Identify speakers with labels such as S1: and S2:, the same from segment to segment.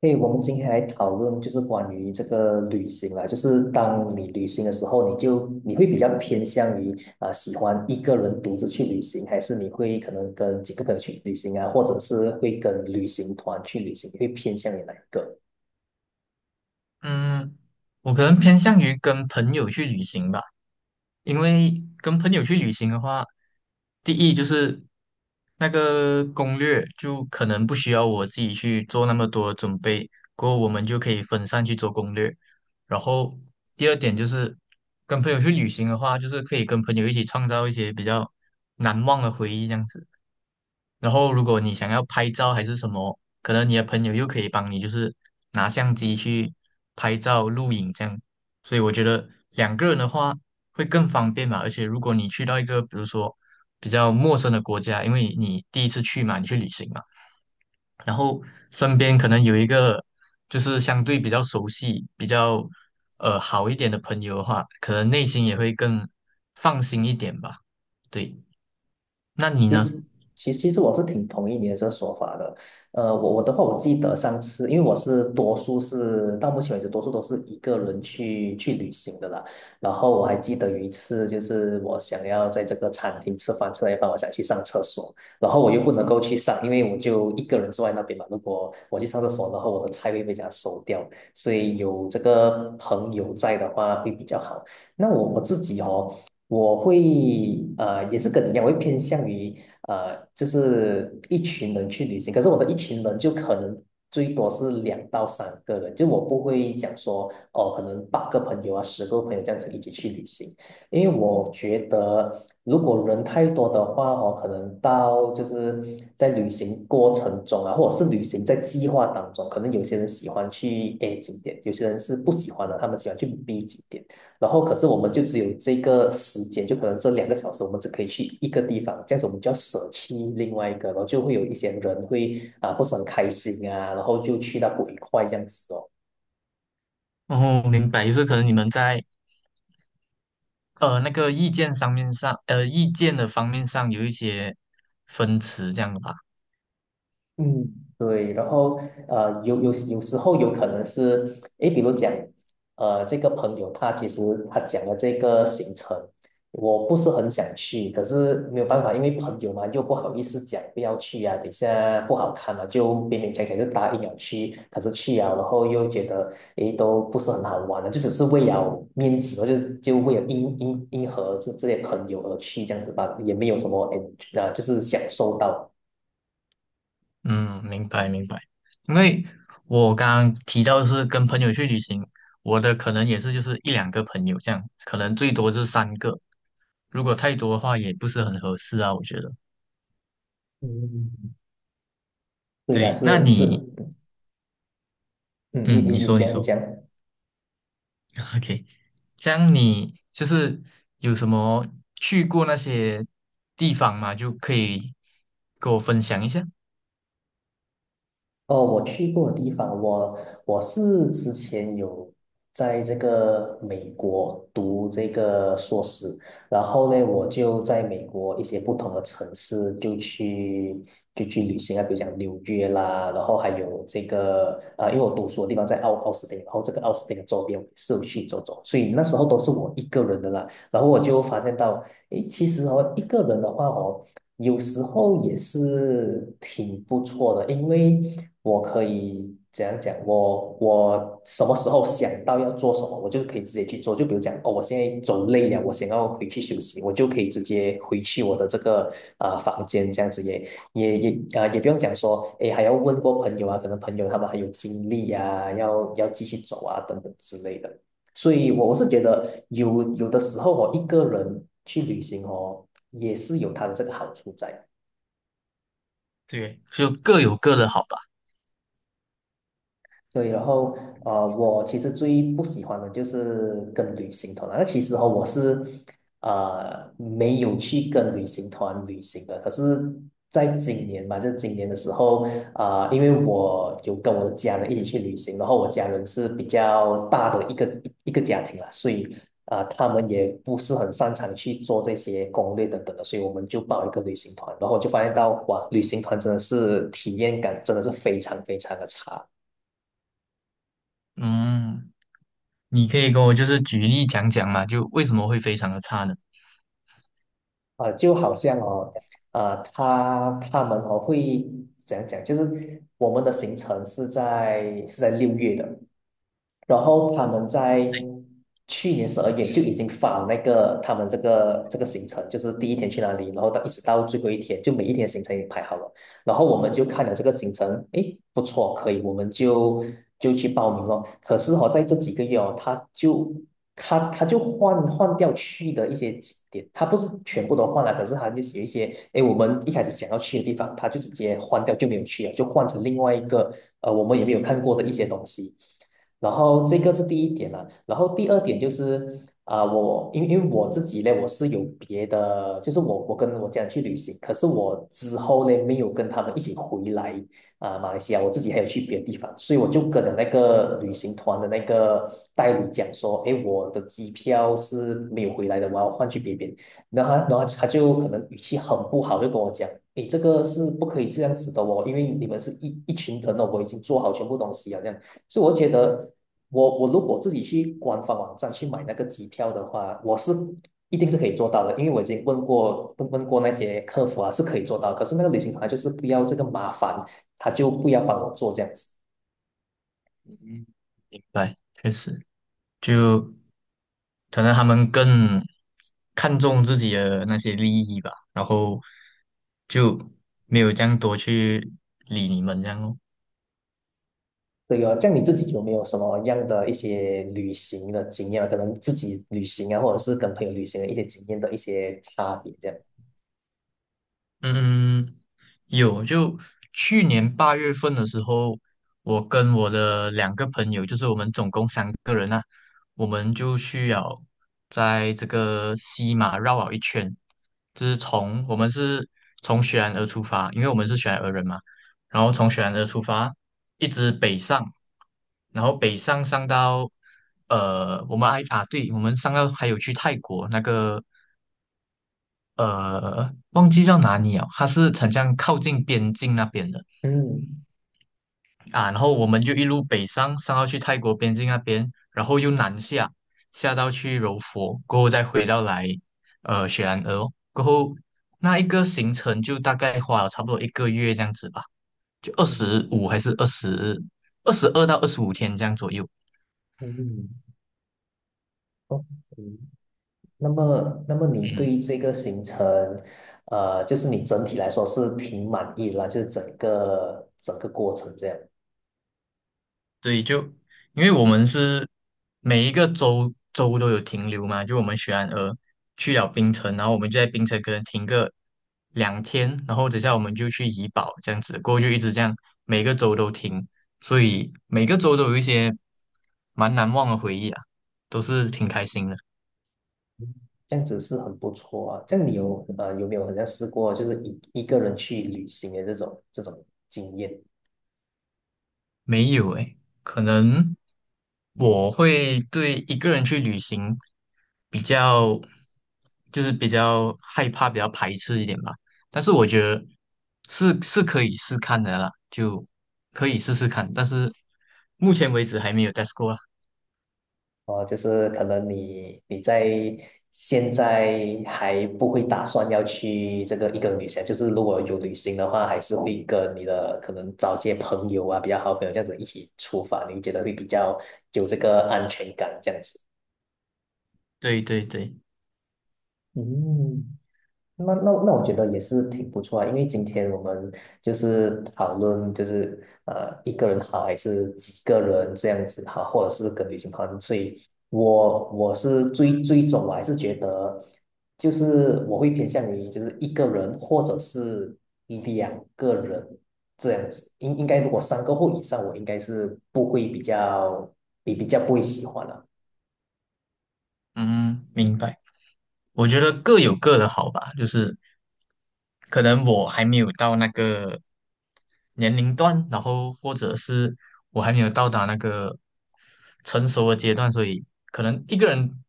S1: 对，我们今天来讨论就是关于这个旅行啦，就是当你旅行的时候，你会比较偏向于啊、喜欢一个人独自去旅行，还是你会可能跟几个朋友去旅行啊，或者是会跟旅行团去旅行，你会偏向于哪一个？
S2: 嗯，我可能偏向于跟朋友去旅行吧，因为跟朋友去旅行的话，第一就是那个攻略就可能不需要我自己去做那么多准备，过后我们就可以分散去做攻略。然后第二点就是跟朋友去旅行的话，就是可以跟朋友一起创造一些比较难忘的回忆，这样子。然后如果你想要拍照还是什么，可能你的朋友又可以帮你，就是拿相机去拍照、录影这样。所以我觉得2个人的话会更方便嘛。而且如果你去到一个比如说比较陌生的国家，因为你第一次去嘛，你去旅行嘛，然后身边可能有一个就是相对比较熟悉、比较好一点的朋友的话，可能内心也会更放心一点吧。对，那你
S1: 其
S2: 呢？
S1: 实，其实我是挺同意你的这个说法的。我的话，我记得上次，因为我是多数是到目前为止，多数都是一个人去旅行的啦。然后我还记得有一次，就是我想要在这个餐厅吃饭，吃到一半，我想去上厕所，然后我又不能够去上，因为我就一个人坐在那边嘛。如果我去上厕所，然后我的菜会被人家收掉，所以有这个朋友在的话会比较好。那我自己哦。我会也是跟你一样我会偏向于就是一群人去旅行，可是我的一群人就可能最多是2到3个人，就我不会讲说哦，可能八个朋友啊，10个朋友这样子一起去旅行，因为我觉得如果人太多的话哦，可能到就是在旅行过程中啊，或者是旅行在计划当中，可能有些人喜欢去 A 景点，有些人是不喜欢的，他们喜欢去 B 景点。然后可是我们就只有这个时间，就可能这2个小时，我们只可以去一个地方，这样子我们就要舍弃另外一个，然后就会有一些人会啊、不是很开心啊，然后就去到不愉快这样子哦。
S2: 哦，明白，就是可能你们在那个意见的方面上有一些分歧，这样的吧。
S1: 嗯，对，然后有时候有可能是，诶，比如讲，这个朋友他其实他讲的这个行程，我不是很想去，可是没有办法，因为朋友嘛，又不好意思讲不要去啊，等一下不好看了，就勉勉强强就答应了去，可是去啊，然后又觉得，诶，都不是很好玩的，就只是为了面子，然后就为了迎合这些朋友而去，这样子吧，也没有什么，诶，啊，就是享受到。
S2: 嗯，明白明白。因为我刚刚提到是跟朋友去旅行，我的可能也是就是一两个朋友这样，可能最多是三个。如果太多的话，也不是很合适啊，我觉得。
S1: 嗯，对呀、
S2: 对，那
S1: 是是，
S2: 你，
S1: 嗯，你
S2: 嗯，
S1: 你
S2: 你
S1: 你
S2: 说你
S1: 讲你
S2: 说
S1: 讲，
S2: ，OK。这样你就是有什么去过那些地方吗？就可以跟我分享一下。
S1: 哦，我去过的地方，我是之前有在这个美国读这个硕士，然后呢，我就在美国一些不同的城市就去旅行啊，比如讲纽约啦，然后还有这个啊、因为我读书的地方在奥斯汀，然后这个奥斯汀的周边我也是有去走走，所以那时候都是我一个人的啦，然后我就发现到，诶，其实哦，一个人的话哦。有时候也是挺不错的，因为我可以怎样讲？我什么时候想到要做什么，我就可以直接去做。就比如讲，哦，我现在走累了，我想要回去休息，我就可以直接回去我的这个房间，这样子也也不用讲说，哎，还要问过朋友啊，可能朋友他们还有精力啊，要继续走啊等等之类的。所以，我是觉得有的时候我哦一个人去旅行哦，也是有它的这个好处在。
S2: 对，就各有各的好吧。
S1: 对，然后我其实最不喜欢的就是跟旅行团了。那其实哦，我是没有去跟旅行团旅行的，可是在今年吧，就是今年的时候，啊、因为我有跟我的家人一起去旅行，然后我家人是比较大的一个家庭啦，所以啊、他们也不是很擅长去做这些攻略等等的，所以我们就报一个旅行团，然后就发现到哇，旅行团真的是体验感真的是非常非常的差。
S2: 嗯，你可以跟我就是举例讲讲嘛，就为什么会非常的差呢？
S1: 就好像哦，他们哦会怎样讲？就是我们的行程是在6月的，然后他们在去年12月就已经发那个他们这个行程，就是第一天去哪里，然后到一直到最后一天，就每一天行程也排好了。然后我们就看了这个行程，诶，不错，可以，我们就去报名了。可是哦，在这几个月哦，他就换掉去的一些景点，他不是全部都换了，可是他就是有一些，诶，我们一开始想要去的地方，他就直接换掉，就没有去了，就换成另外一个我们也没有看过的一些东西。然后这个是第一点啦，然后第二点就是啊、我因为我自己呢，我是有别的，就是我跟我家人去旅行，可是我之后呢没有跟他们一起回来啊、马来西亚，我自己还有去别的地方，所以我就跟了那个旅行团的那个代理讲说，诶，我的机票是没有回来的，我要换去别边。然后他就可能语气很不好，就跟我讲：“你这个是不可以这样子的哦，因为你们是一群人哦，我已经做好全部东西了，这样所以我觉得我如果自己去官方网站去买那个机票的话，我是一定是可以做到的，因为我已经问过那些客服啊，是可以做到。可是那个旅行团啊就是不要这个麻烦，他就不要帮我做这样子。
S2: 嗯，对，确实，就可能他们更看重自己的那些利益吧，然后就没有这样多去理你们这样哦。
S1: 对哦，这样你自己有没有什么样的一些旅行的经验啊？可能自己旅行啊，或者是跟朋友旅行的一些经验的一些差别，这样。
S2: 嗯，有，就去年8月份的时候，我跟我的两个朋友，就是我们总共3个人啊，我们就需要在这个西马绕了一圈，就是从我们是从雪兰莪出发，因为我们是雪兰莪人嘛，然后从雪兰莪出发，一直北上，然后北上上到我们还啊，对，我们上到还有去泰国那个忘记叫哪里了，它是很像靠近边境那边的
S1: 嗯
S2: 啊。然后我们就一路北上，上到去泰国边境那边，然后又南下，下到去柔佛，过后再回到来雪兰莪哦，过后那一个行程就大概花了差不多1个月这样子吧，就二十五还是二十二到二十五天这样左右。
S1: 嗯嗯，OK。那么，那么你
S2: 嗯，
S1: 对这个行程，就是你整体来说是挺满意啦，就是整个过程这样，
S2: 对，就因为我们是每一个州都有停留嘛，就我们雪兰莪去了冰城，然后我们就在冰城可能停个2天，然后等下我们就去怡保这样子，过后就一直这样，每个州都停，所以每个州都有一些蛮难忘的回忆啊，都是挺开心的。
S1: 嗯这样子是很不错啊。这样你有有没有好像试过就是一个人去旅行的这种经验？
S2: 没有诶，可能我会对一个人去旅行比较，就是比较害怕、比较排斥一点吧。但是我觉得是可以试看的啦，就可以试试看。但是目前为止还没有 test 过啦。
S1: 哦，就是可能你在现在还不会打算要去这个一个旅行，就是如果有旅行的话，还是会跟你的可能找些朋友啊，比较好朋友这样子一起出发，你觉得会比较有这个安全感这样子。
S2: 对对对，
S1: 嗯。那我觉得也是挺不错啊，因为今天我们就是讨论，就是一个人好还是几个人这样子好，或者是跟旅行团，所以我是最终我还是觉得，就是我会偏向于就是一个人或者是2个人这样子，应该如果三个或以上，我应该是不会比较不会喜欢了。
S2: 嗯，明白。我觉得各有各的好吧，就是可能我还没有到那个年龄段，然后或者是我还没有到达那个成熟的阶段，所以可能一个人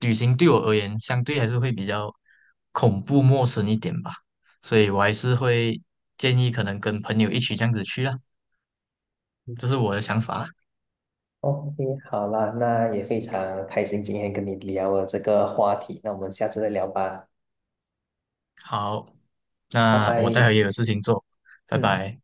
S2: 旅行对我而言，相对还是会比较恐怖陌生一点吧。所以我还是会建议可能跟朋友一起这样子去啦，这是我的想法。
S1: OK，好啦，那也非常开心今天跟你聊了这个话题，那我们下次再聊吧，
S2: 好，
S1: 拜
S2: 那我待
S1: 拜。
S2: 会也有事情做，拜
S1: 嗯。
S2: 拜。